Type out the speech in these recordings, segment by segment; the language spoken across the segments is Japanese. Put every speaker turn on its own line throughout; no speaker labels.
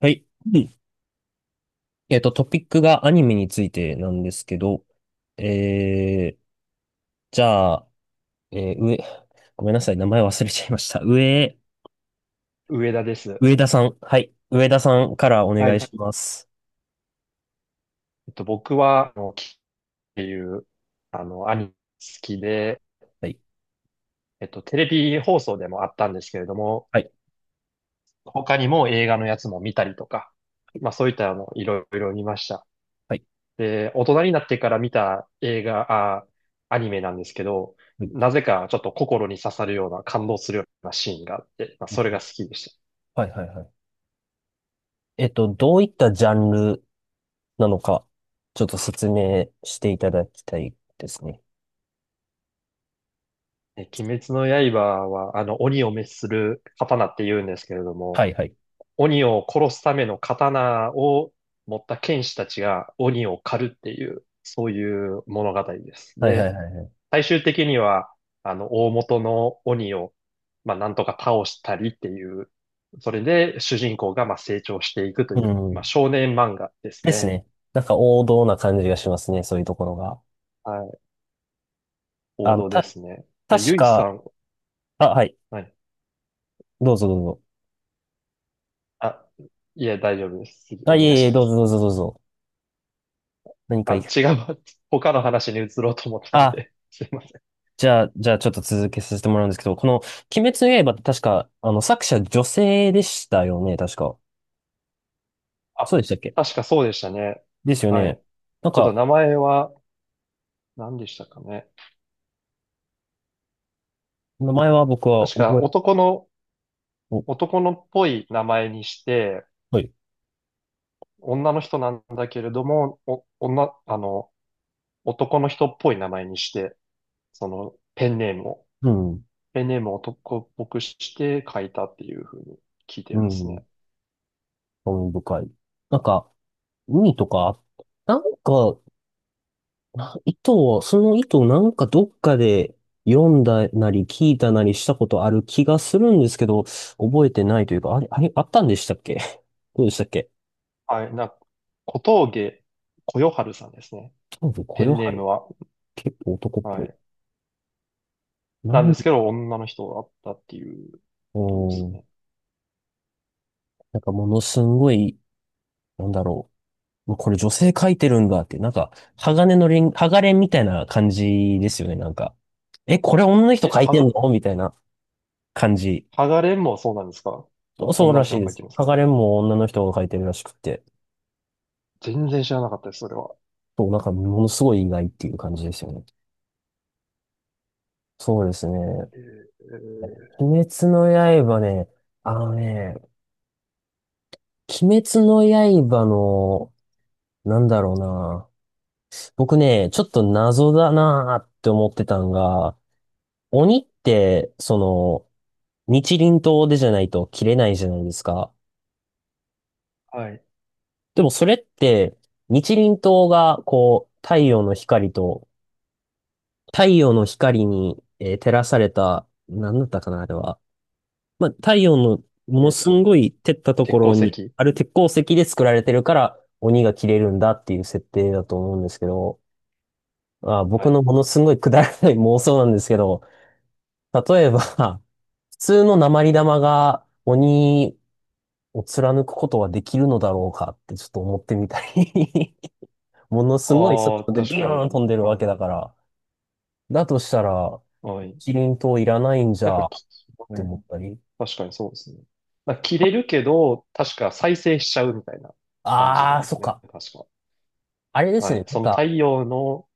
はい。うん。トピックがアニメについてなんですけど、えー、じゃあ、えー、上、ごめんなさい、名前忘れちゃいました。
上田です。
上田さん。はい。上田さんからお
は
願い
い。
します。
僕は、キっていう、アニメ好きで、
はい。
テレビ放送でもあったんですけれども、
はい。
他にも映画のやつも見たりとか、まあそういったいろいろ見ました。
はい。
で、大人になってから見た映画、アニメなんですけど、
はい。
なぜかちょっと心に刺さるような、感動するようなシーンがあって、まあそれが好
は
きでした。
い。はいはい。どういったジャンルなのか、ちょっと説明していただきたいですね。
え、鬼滅の刃は、鬼を滅する刀って言うんですけれども、
はい。はい。
鬼を殺すための刀を持った剣士たちが鬼を狩るっていう、そういう物語です。
はい。は
で、
い。はい。はい。
最終的には、大元の鬼を、まあ、なんとか倒したりっていう、それで主人公がまあ成長していくと
う
いう、まあ、
ん。
少年漫画です
です
ね。
ね。なんか王道な感じがしますね、そういうところが。
はい。王
あの、
道で
た、
すね。じゃあ、
確
ゆいさ
か、
ん、
あ、はい。
はい。
どうぞどうぞ。
あ、いえ、大丈夫です。次、
あ、
お
い
願い
えい
し
え、
ま
どうぞ
す。
どうぞどうぞ。何かいい。
あ、違う 他の話に移ろうと思ったん
あ、
で、すいません。
じゃあちょっと続けさせてもらうんですけど、この、鬼滅の刃って確か、作者女性でしたよね、確か。そう
あ、
でしたっけ。
確かそうでしたね。
ですよ
はい。
ね。なん
ちょっと
か、
名前は何でしたかね。
名前は僕は
確か
覚え、
男の、
お、
男のっぽい名前にして、
はい。
女の人なんだけれども、お、女、男の人っぽい名前にして、そのペンネームを、
うん、
ペンネームを男っぽくして書いたっていうふうに聞いてい
う
ます
ん、
ね。
興味深い。なんか、海とか、なんか、な糸を、その糸をなんかどっかで読んだなり聞いたなりしたことある気がするんですけど、覚えてないというか、あれ、あれ、あったんでしたっけ。どうでしたっけ。
はい。な、小峠小夜春さんですね。
多分、こ
ペ
よ
ンネ
は
ーム
る。
は。
結構男っ
は
ぽい。
い。
な
なんで
ん、
すけど、女の人だったっていう
う
ことです
ん。
ね。
なんかものすんごい、なんだろう。もうこれ女性描いてるんだって、なんか、鋼のレン、鋼レンみたいな感じですよね、なんか。え、これ女の人
え、
描い
は
てん
が、
のみたいな感じ。
剥がれんもそうなんですか？
そうそう
女
ら
の
し
人
い
が
で
書いて
す。
ますか
鋼
ね。
レンも女の人が描いてるらしくて。
全然知らなかったです、それは。
そう、なんかものすごい意外っていう感じですよね。そうですね。
えー、
鬼滅の刃ね、あのね、鬼滅の刃の、なんだろうな。僕ね、ちょっと謎だなーって思ってたんが、鬼って、その、日輪刀でじゃないと切れないじゃないですか。
はい。
でもそれって、日輪刀が、こう、太陽の光と、太陽の光に、照らされた、なんだったかな、あれは。まあ、太陽のもの
えっ
すん
と、
ごい照ったとこ
鉄鉱
ろに
石。
ある鉄鉱石で作られてるから、鬼が切れるんだっていう設定だと思うんですけど、あ、
は
僕の
い。
ものすんごいくだらない妄想なんですけど、例えば、普通の鉛玉が鬼を貫くことはできるのだろうかってちょっと思ってみたり ものすごい
あ
速
あ、
度で
確
ビュ
か
ーン
に。
飛んでるわけ
はい。
だから。だとしたら、
はい。
キリン島いらないんじ
なんか、
ゃっ
き、
て
ね、
思ったり。
確かにそうですね。なんか切れるけど、確か再生しちゃうみたいな感じな
あ
ん
あ、
で
そ
す
っ
ね。
か。
確か。
あれです
はい。
ね。なんか、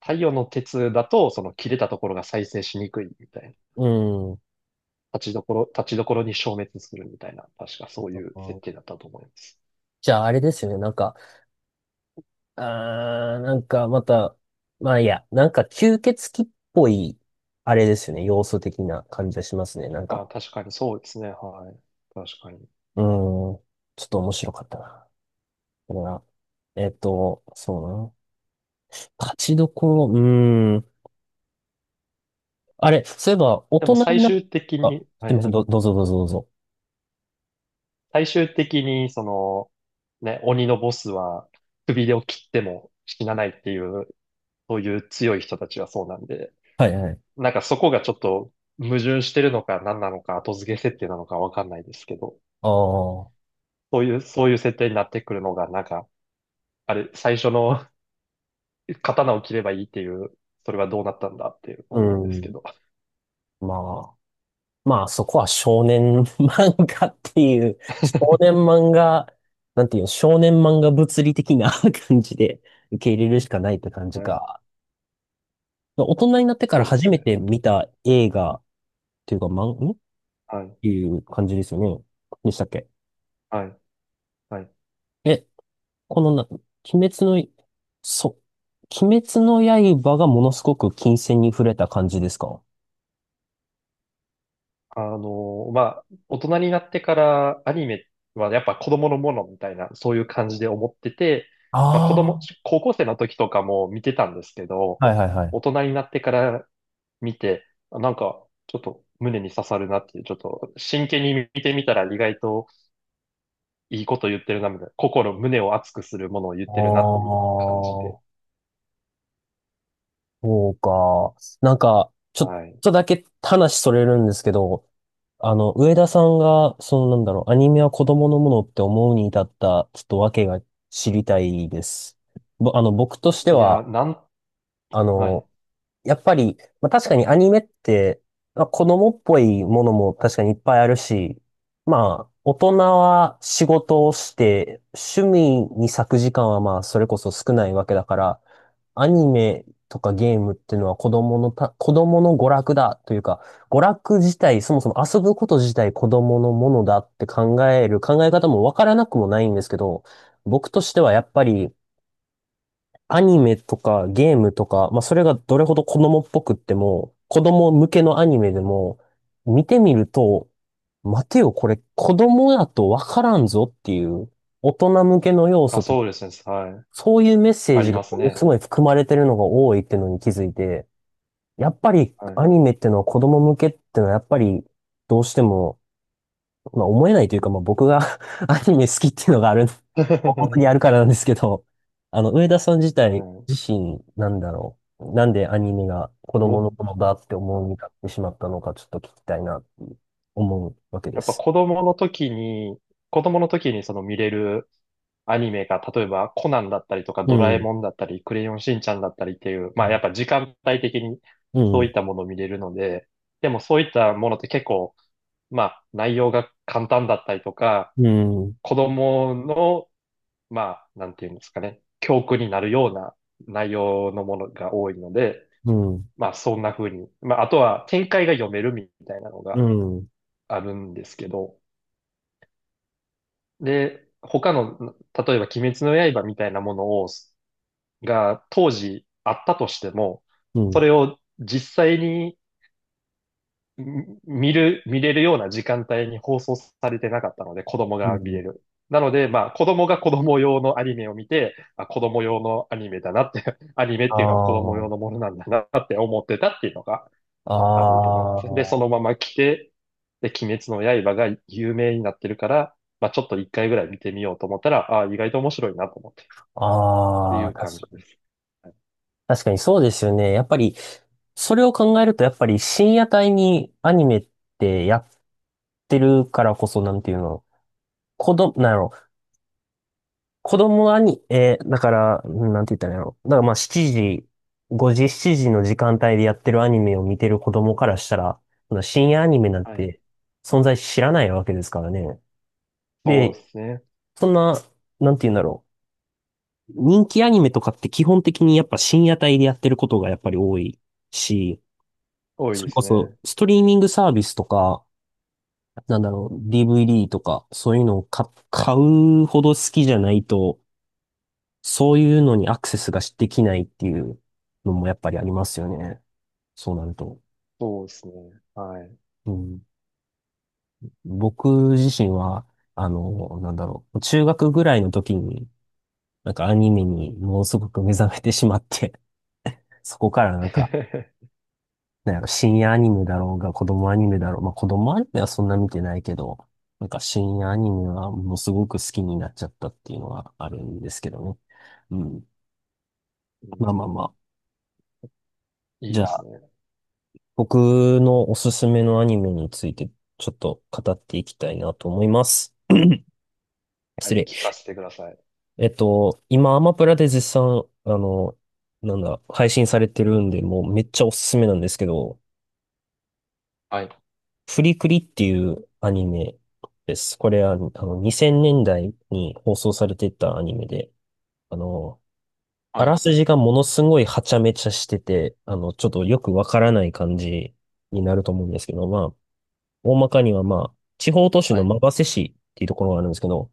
太陽の鉄だと、その切れたところが再生しにくいみたいな。
うん。
立ちどころに消滅するみたいな。確かそういう設定だったと思います。
じゃああれですよね。なんか、あー、なんかまた、まあいいや、なんか吸血鬼っぽい、あれですよね。要素的な感じがしますね。なんか、
あ、確かにそうですね。はい。確かに。
うん。ちょっと面白かったな。だから、そうだな。勝ちどころ、うーん。あれ、そういえば、大
で
人
も最
になっ
終的
た、あ、
に、
す
は
いませ
い。
ん、どうぞどうぞどうぞ。
最終的に、その、ね、鬼のボスは首を切っても死なないっていう、そういう強い人たちはそうなんで、
はいはい。
なんかそこがちょっと矛盾してるのか何なのか後付け設定なのかわかんないですけど、
ああ、
そういう設定になってくるのが、なんか、あれ、最初の 刀を切ればいいっていう、それはどうなったんだって
う
思うんですけ
ん。
ど。
まあ、まあ、そこは少年 漫画っていう、少年漫画、なんていうの、少年漫画物理的な 感じで受け入れるしかないって感じ
はい。
か。大人になってから
そうで
初
す
め
ね。
て見た映画っていうか、漫、んっ
はい。
ていう感じですよね。でしたっけ。
はい。はい。
え、このな、鬼滅の、そう、鬼滅の刃がものすごく金線に触れた感じですか。
まあ、大人になってからアニメはやっぱ子供のものみたいな、そういう感じで思ってて、まあ子供、
あ
高校生の時とかも見てたんですけど、
あ、はいはいは
大
い。
人になってから見て、あなんかちょっと胸に刺さるなっていう、ちょっと真剣に見てみたら意外といいこと言ってるな、みたいな、心、胸を熱くするものを言っ
ああ、
てるなという感じで。
そうか。なんか、ちょっ
はい。
とだけ話それるんですけど、上田さんが、そのなんだろう、アニメは子供のものって思うに至った、ちょっと訳が知りたいです。ぼ、あの、僕として
いや、
は、
なん、
あ
は
の、
い。
やっぱり、まあ、確かにアニメって、まあ、子供っぽいものも確かにいっぱいあるし、まあ、大人は仕事をして、趣味に割く時間はまあ、それこそ少ないわけだから、アニメとかゲームっていうのは子供のた、子供の娯楽だというか、娯楽自体、そもそも遊ぶこと自体子供のものだって考える考え方もわからなくもないんですけど、僕としてはやっぱりアニメとかゲームとか、まあ、それがどれほど子供っぽくっても、子供向けのアニメでも、見てみると、待てよ、これ子供やとわからんぞっていう、大人向けの要
あ、
素と、
そうですね。はい。
そういうメッセー
あ
ジ
り
が
ます
もの
ね。
すごい含まれてるのが多いっていうのに気づいて、やっぱり
は
ア
い。
ニメってのは子供向けってのはやっぱりどうしてもまあ思えないというか、まあ僕が アニメ好きっていうのがある、本当に あるからなんですけど、あの、上田さん自
は
体、
い。
自身、なんだろう。なんでアニメが子供
僕
の頃だって思
は
う
い
になってしまったのか、ちょっと聞きたいな、思うわけで
やっぱ
す。
子供の時に、子供の時にその見れるアニメが、例えばコナンだったりとか
う
ドラえ
ん。
もんだったり、クレヨンしんちゃんだったりっていう、
う
まあや
ん。
っぱ時間帯的に
う
そうい
ん。
ったものを見れるので、でもそういったものって結構、まあ内容が簡単だったりとか、
うん。
子供の、まあなんていうんですかね、教訓になるような内容のものが多いので、
うん。
まあそんな風に、まああとは展開が読めるみたいなの
う
が
ん。
あるんですけど、で、他の、例えば鬼滅の刃みたいなものを、が当時あったとしても、それを実際にん見る、見れるような時間帯に放送されてなかったので、子供
う
が見れ
ん。
る。なので、まあ、子供が子供用のアニメを見て、あ、子供用のアニメだなって、アニメっ
あ
ていうのは子供用
あ。
のものなんだなって思ってたっていうのが
あ
あると思いますね。で、そ
あ。
のまま来て、で、鬼滅の刃が有名になってるから、まあちょっと一回ぐらい見てみようと思ったら、ああ、意外と面白いなと思って、ってい
ああ。
う感じです。はい。
確かにそうですよね。やっぱり、それを考えると、やっぱり深夜帯にアニメってやってるからこそ、なんていうの、子供、なんやろ、子供アニ、だから、うんなんて言ったらいいんやろ。だからまあ7時、5時、7時の時間帯でやってるアニメを見てる子供からしたら、そんな深夜アニメなん
はい、
て存在知らないわけですからね。
そう
で、
ですね。
そんな、なんて言うんだろう。人気アニメとかって基本的にやっぱ深夜帯でやってることがやっぱり多いし、
多い
そ
で
れ
す
こそ、
ね。
ストリーミングサービスとか、なんだろう、DVD とか、そういうのを買、買うほど好きじゃないと、そういうのにアクセスができないっていうのもやっぱりありますよね。そうなると。
そうですね。はい。
うん、僕自身は、あの、なんだろう、中学ぐらいの時に、なんかアニメにものすごく目覚めてしまって、そこからなんか なんやろ、深夜アニメだろうが、子供アニメだろう。まあ、子供アニメはそんな見てないけど、なんか深夜アニメはものすごく好きになっちゃったっていうのはあるんですけどね。うん。
う
まあまあ
ん、
まあ。
いい
じゃ
です
あ、
ね。
僕のおすすめのアニメについてちょっと語っていきたいなと思います。
はい、
失礼。
聞かせてください。
今、アマプラで絶賛、あの、なんだ、配信されてるんで、もうめっちゃおすすめなんですけど、
はい、
フリクリっていうアニメです。これは、あの、2000年代に放送されてたアニメで、あの、あ
は
ら
い、
すじがものすごいはちゃめちゃしてて、あの、ちょっとよくわからない感じになると思うんですけど、まあ、大まかにはまあ、地方都市
は
の
い、
馬瀬市っていうところがあるんですけど、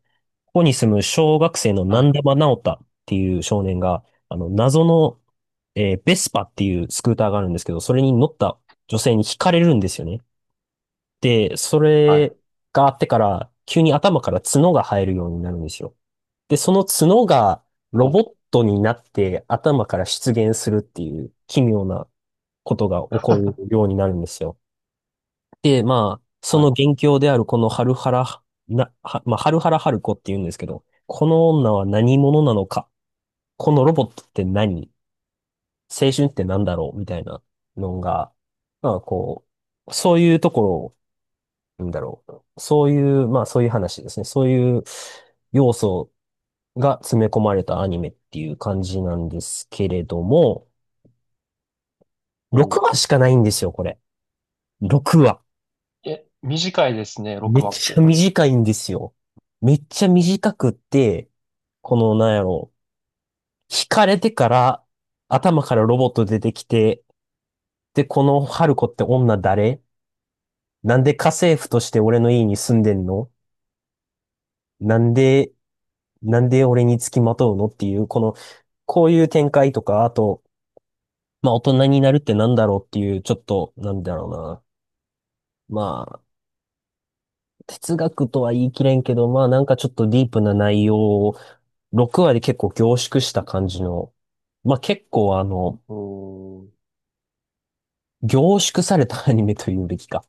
ここに住む小学生の
は
南
い、
玉直太っていう少年が、あの、謎の、ベスパっていうスクーターがあるんですけど、それに乗った女性に惹かれるんですよね。で、そ
はい。
れがあってから、急に頭から角が生えるようになるんですよ。で、その角がロ
お
ボ
う、
ットになって頭から出現するっていう奇妙なことが起こる ようになるんですよ。で、まあ、そ
は
の
い、
元凶であるこのハルハラハルコって言うんですけど、この女は何者なのか、このロボットって何、青春って何だろうみたいなのが、まあこう、そういうところをなんだろう。そういう、まあそういう話ですね。そういう要素が詰め込まれたアニメっていう感じなんですけれども、
お
6
う。
話しかないんですよ、これ。6話。
え、短いですね、
め
6
っ
話っ
ちゃ
て。
短いんですよ。めっちゃ短くって、この、なんやろう。惹かれてから、頭からロボット出てきて、で、この春子って女誰、なんで家政婦として俺の家に住んでんの、なんで、なんで俺に付きまとうのっていう、こういう展開とか、あと、まあ大人になるってなんだろうっていう、ちょっと、なんだろうな。まあ、哲学とは言い切れんけど、まあなんかちょっとディープな内容を6話で結構凝縮した感じの、まあ結構、
おー。
凝縮されたアニメというべきか。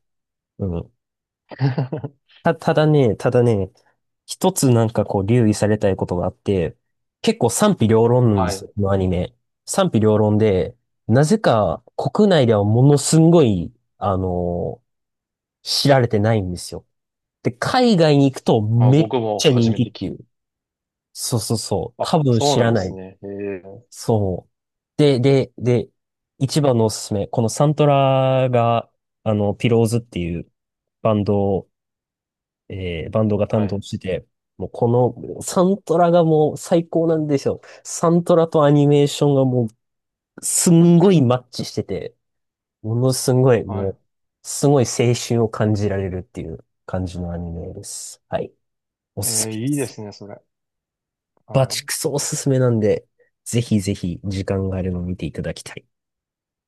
うん。ただね、一つなんかこう留意されたいことがあって、結構賛否両論なんで
は
す
い。
よ、このアニメ。賛否両論で、なぜか国内ではものすんごい、あの知られてないんですよ。で、海外に行くと
あ、
めっ
僕も
ちゃ
初
人
め
気
て聞
ってい
き、
う。そうそうそう、
あ、
多分
そう
知
なん
ら
で
な
す
い。
ね。ええ、
そう。で、一番のおすすめ。このサントラが、ピローズっていうバンドを、バンドが
は
担当
い、
してて、もうこのサントラがもう最高なんですよ。サントラとアニメーションがもうすんごいマッチしてて、ものすごい
は
も
い。
う、すごい青春を感じられるっていう感じのアニメです。はい。おすす
ええ、
めで
いいで
す。
すね、それ。
バ
は
チ
い、
クソおすすめなんで、ぜひぜひ時間があれば見ていただきたい。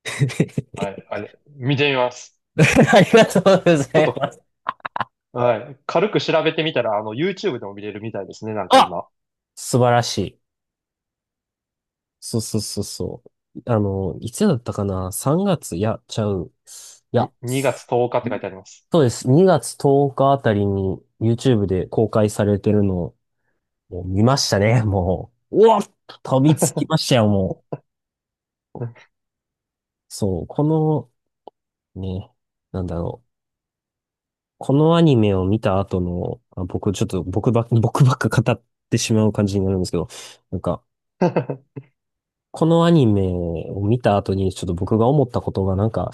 はい、あれ、見てみます。
ありがとうご
ち
ざ
ょっ
い
と、
ます。
はい、軽く調べてみたら、あの、YouTube でも見れるみたいですね、なんか
あ、
今。
素晴らしい。そうそうそうそう。いつだったかな？ 3 月、いや、ちゃう。いや、
に2月10日って書いてあります。
そうです。2月10日あたりに YouTube で公開されてるのをもう見ましたね、もう。うわ、飛びつきましたよ、もう。そう、この、ね、なんだろう。このアニメを見た後の、あ、僕ちょっと僕ばっ、僕ばっか語ってしまう感じになるんですけど、なんか、このアニメを見た後にちょっと僕が思ったことが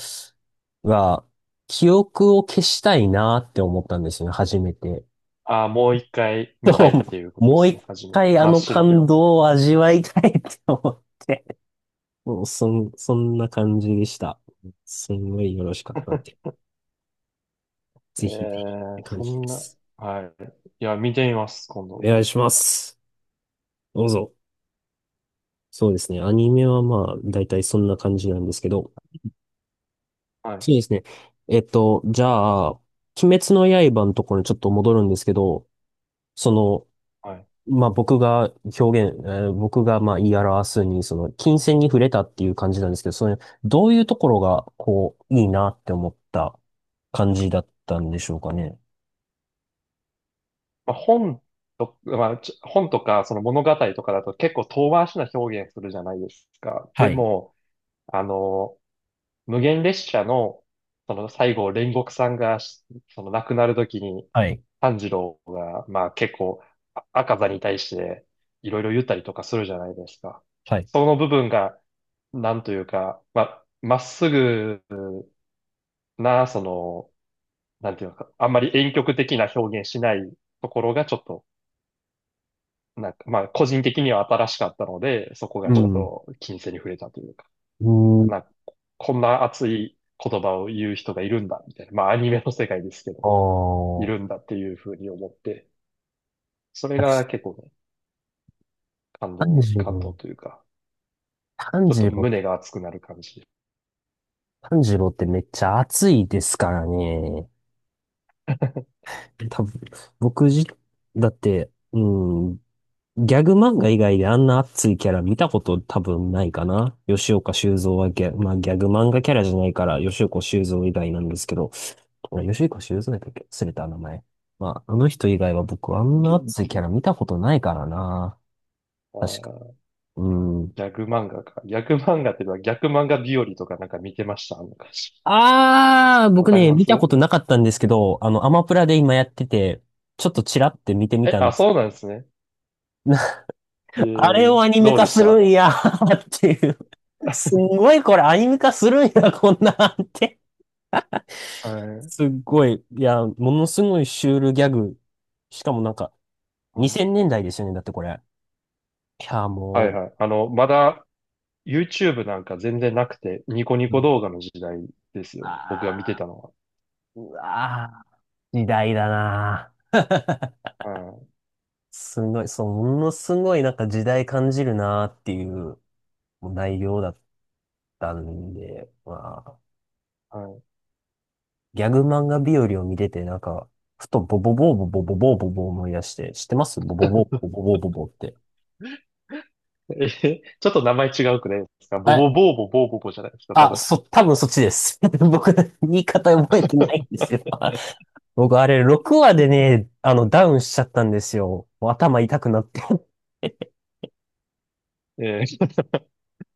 が、記憶を消したいなって思ったんですよね、初めて。
ああ、もう一回見たいって いうことで
もう
す
一
ね、はじめ。
回あ
真っ
の
白。
感動を味わいたいって思って、もうそんな感じでした。すんごいよろしかったんで、
え
ぜひぜひっ
え、
て感
そ
じで
んな、
す。
はい。いや、見てみます、今
お
度。
願いします。どうぞ。そうですね。アニメはまあ、だいたいそんな感じなんですけど、
はい、
そうですね。じゃあ、鬼滅の刃のところにちょっと戻るんですけど、その、
はい。
まあ僕が表現、え僕がまあ言い表すに、その、金線に触れたっていう感じなんですけど、それ、どういうところが、こう、いいなって思った感じだったんでしょうかね。
まあ、本と、まあ、ちょ本とかその物語とかだと結構遠回しな表現するじゃないですか。で
はい。
も、あの、無限列車の、その最後、煉獄さんがし、その亡くなる時に、
はい。
炭治郎が、まあ結構、あ赤座に対していろいろ言ったりとかするじゃないですか。
はい。
その部分が、なんというか、まあ、まっすぐな、その、なんていうのか、あんまり婉曲的な表現しないところがちょっと、なんか、まあ、個人的には新しかったので、そこが
う
ちょっ
ん。
と金銭に触れたというか、
うん。
なんか、こんな熱い言葉を言う人がいるんだ、みたいな。まあ、アニメの世界ですけど、
あ
いるんだっていうふうに思って、それ
あ、
が結構ね、
炭治
感動
郎。
というか、
炭
ちょっと
治郎、
胸が熱くなる感じ。
炭治郎ってめっちゃ熱いですからね。多分、僕じ、だって、うん、ギャグ漫画以外であんな熱いキャラ見たこと多分ないかな。吉岡修造はギャ、まあギャグ漫画キャラじゃないから、吉岡修造以外なんですけど、あ、吉岡修造だっけ、忘れた名前。まあ、あの人以外は僕あん
ギ
な熱い
ャ
キャラ見たことないからな。
あ
確か、
ー、
うん。
ギャグ漫画か。ギャグ漫画っていうのは逆漫画日和とかなんか見てましたあの感じ。
あー、
わ
僕
かり
ね、
ま
見
す。
たことなかったんですけど、アマプラで今やってて、ちょっとチラって見てみ
え、
たん
あ、
です。
そうなんですね。え
あれ
ー、
をアニメ
どう
化
でし
する
た？
んやー っていう。す んごいこれアニメ化するんや、こんなんって。
はい、
すっごい、いや、ものすごいシュールギャグ。しかもなんか、
はい、
2000年代ですよね、だってこれ。いや、
はい
も
はい。あの、まだ YouTube なんか全然なくて、ニコニ
う、う
コ
ん、
動画の時代ですよ。僕が見て
あ
たのは。
ー、うわー、時代だなー。
はい
すごい、そう、ものすごいなんか時代感じるなーっていうもう内容だったんで、まあ、
はい。
ギャグ漫画日和を見てて、なんか、ふとボボボーボボボボーボボー思い出して、知ってますボボボーボボ ボーボボーって。
え、ちょっと名前違うくないですか？ボ
は
ボ
い。
ボーボボーボボじゃないですか、多分。
多分そっちです。僕、言い方覚えてない んですよ。僕、あれ、6話でね、ダウンしちゃったんですよ。もう頭痛くなって
えー、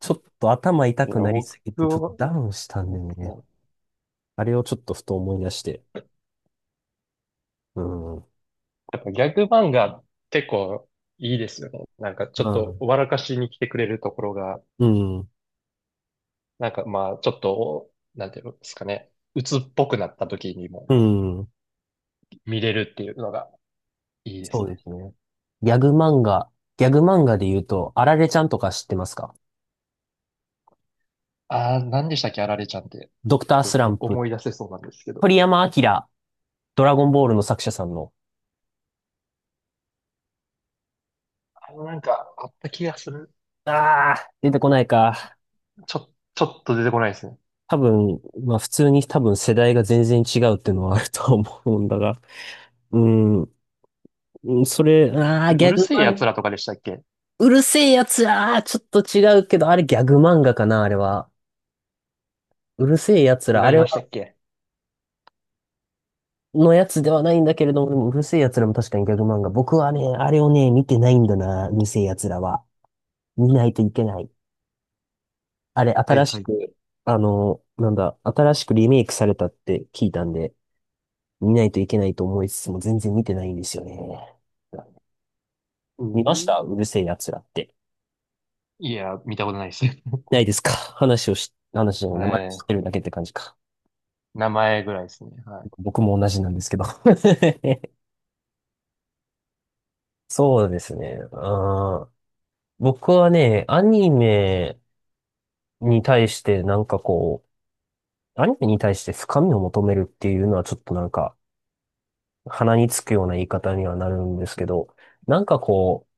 ちょっと頭
い
痛く
や、
なり
僕
すぎて、ちょっと
は、
ダウンしたんで
そ
ね。
う、
あれをちょっとふと思い出して。うん。う
やっぱギャグ漫画結構いいですよね。なんかちょっと
ん。
笑かしに来てくれるところが、
うん。
なんかまあちょっと、なんていうんですかね。鬱っぽくなった時にも
うん。
見れるっていうのがいいで
そ
す
うで
ね。
すね。ギャグ漫画、ギャグ漫画で言うと、あられちゃんとか知ってますか？
ああ、何でしたっけ、あられちゃんって。
ドクタースランプ、
思い出せそうなんですけど。
鳥山明、ドラゴンボールの作者さんの。
あのなんか、あった気がする。
ああ、出てこないか。
ちょ、ちょっと出てこないですね。
多分、まあ普通に多分世代が全然違うっていうのはあると思うんだが。うん、うんそれ、あ
あ
あ、
れ、
ギ
う
ャ
る
グ
せえ
漫
奴
画、
らとかでしたっけ？
うるせえやつら、あーちょっと違うけど、あれギャグ漫画かな、あれは。うるせえやつ
違
ら、あ
い
れ
ました
は
っけ？
のやつではないんだけれども、でもうるせえ奴らも確かにギャグ漫画。僕はね、あれをね、見てないんだな、うるせえ奴らは。見ないといけない。あれ、
はい
新
は
し
い。
く、あの、なんだ、新しくリメイクされたって聞いたんで、見ないといけないと思いつつも全然見てないんですよね。
う
見まし
ん。
たうるせえ奴らって。
いや、見たことないです。え
ないですか？ 話をし、話じゃない、名前知
え、
ってるだけって感じか。
名前ぐらいですね。はい。
僕も同じなんですけど。そうですね。あー、僕はね、に対してなんかこアニメに対して深みを求めるっていうのはちょっとなんか鼻につくような言い方にはなるんですけど、なんかこう、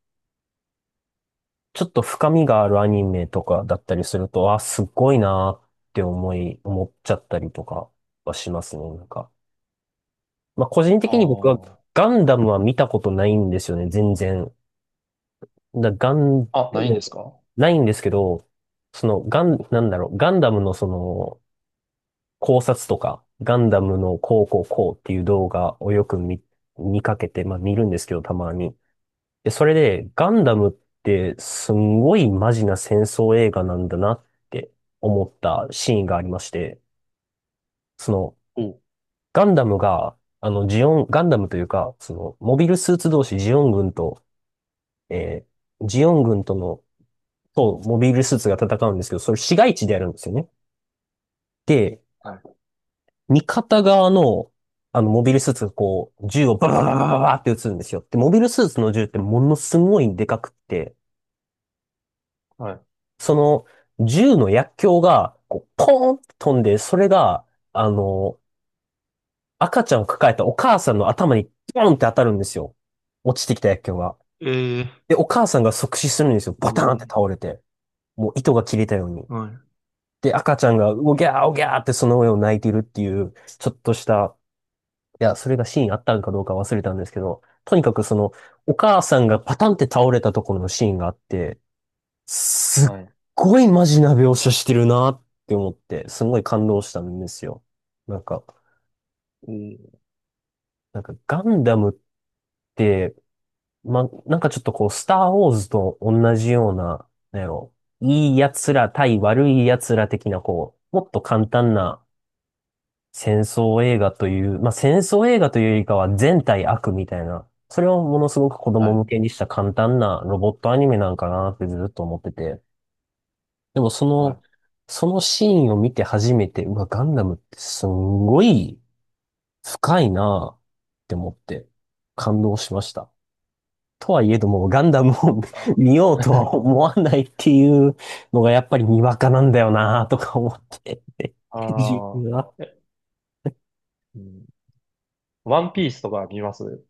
ちょっと深みがあるアニメとかだったりすると、あ、すっごいなーって思っちゃったりとかはしますね、なんか。まあ個人的に僕は
ああ、
ガンダムは見たことないんですよね、全然。だガン、
あ、ないんですか？は
ないんですけど、そのガン、なんだろう、ガンダムのその、考察とか、ガンダムのこうこうこうっていう動画をよく見かけて、まあ見るんですけど、たまに。で、それで、ガンダムってすんごいマジな戦争映画なんだなって思ったシーンがありまして、その、
う。い。
ガンダムというか、その、モビルスーツ同士、ジオン軍と、えージオン軍との、モビルスーツが戦うんですけど、それ市街地でやるんですよね。で、味方側の、モビルスーツがこう、銃をババババババって撃つんですよ。で、モビルスーツの銃ってものすごいでかくって、
は
その、銃の薬莢が、こう、ポーンって飛んで、それが、あの、赤ちゃんを抱えたお母さんの頭に、ポーンって当たるんですよ。落ちてきた薬莢が。
い。えー、
で、お母さんが即死するんですよ。
え
バターンって
ー、
倒れて。もう糸が切れたように。
はい。
で、赤ちゃんが、おぎゃーおぎゃーってその上を泣いてるっていう、ちょっとした、いや、それがシーンあったかどうか忘れたんですけど、とにかくその、お母さんがパタンって倒れたところのシーンがあって、すっ
はい。
ごいマジな描写してるなって思って、すごい感動したんですよ。なんか、
えー、
なんかガンダムって、ま、なんかちょっとこう、スターウォーズと同じような、なんやろ、いい奴ら対悪い奴ら的なこう、もっと簡単な戦争映画という、まあ、戦争映画というよりかは全体悪みたいな、それをものすごく子
は
供向
い。
けにした簡単なロボットアニメなんかなってずっと思ってて。でもそ
は
の、
い。
そのシーンを見て初めて、うわ、ガンダムってすんごい深いなって思って感動しました。とはいえども、ガンダムを
あ
見ようと は思わないっていうのがやっぱりにわかなんだよなとか思って。自
あ
分は
ー、え、うん、ワンピースとか見ます？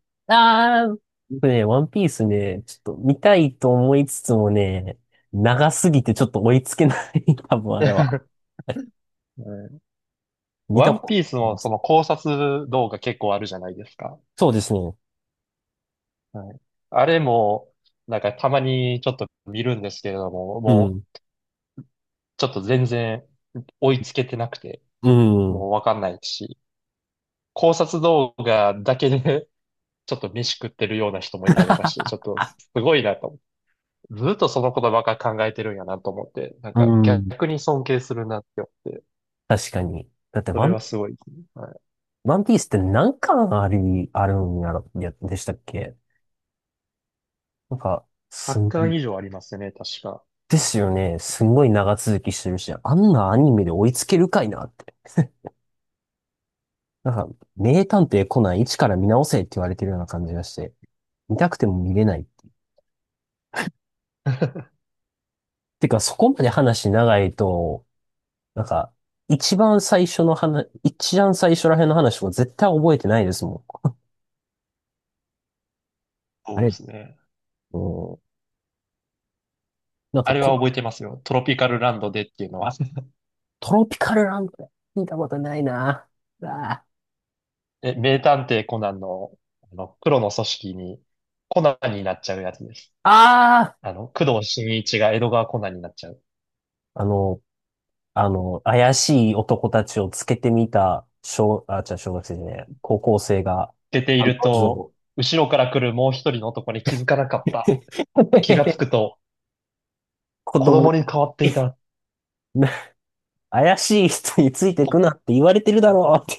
僕ね、ワンピースね、ちょっと見たいと思いつつもね、長すぎてちょっと追いつけない、多分あ
え
れは。
ー
見
ワ
たこ
ン
と
ピース
ない
の
で
そ
す。
の考察動画結構あるじゃないですか。
そうですね。
はい。あれも、なんかたまにちょっと見るんですけれども、
う
も
ん。
うちょっと全然追いつけてなくて、
うん。
もうわかんないし、考察動画だけで ちょっと飯食ってるような人もいたりとかし て、ちょっとすごいなと思って、ずっとそのことばっか考えてるんやなと思って、なん
う
か
ん。
逆に尊敬するなって思って、
確かに。だって
そ
ワ
れは
ン、
すごいですね。はい。
ワンピースって何巻あるんやろ、や、でしたっけ？なんか、す
100巻
ん、
以上ありますね、確か。
ですよね。すんごい長続きしてるし、あんなアニメで追いつけるかいなって。なんか、名探偵コナン一から見直せって言われてるような感じがして、見たくても見れない。てか、そこまで話長いと、なんか、一番最初の話、一番最初らへんの話とか絶対覚えてないですもん。あ
そうで
れ、
すね。
うん、なん
あ
か
れは
こ、
覚えてますよ。トロピカルランドでっていうのは、
トロピカルランド見たことないな。あ
え、名探偵コナンの、あの、黒の組織に、コナンになっちゃうやつです。
あ、あ
あの、工藤新一が江戸川コナンになっちゃう。
ーあの、怪しい男たちをつけてみた、小学生じゃねえ、高校生が、
出てい
案
る
の
と、
定
後ろから来るもう一人の男に気づかなかった。気がつ くと、
子
子
供に、
供に変わっていた。
怪しい人について
ほ
くなって言われて
う
るだ
ん。
ろう。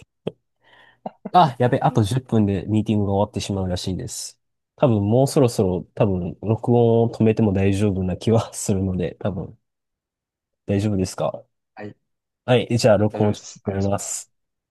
あ、やべ、あと10分でミーティングが終わってしまうらしいです。多分もうそろそろ多分録音を止めても大丈夫な気はするので、多分大丈夫ですか？
はい、
はい、じゃあ
大
録
丈夫
音を
で
ちょっ
す。あ
と
りが
止め
とうござい
ま
ます。
す。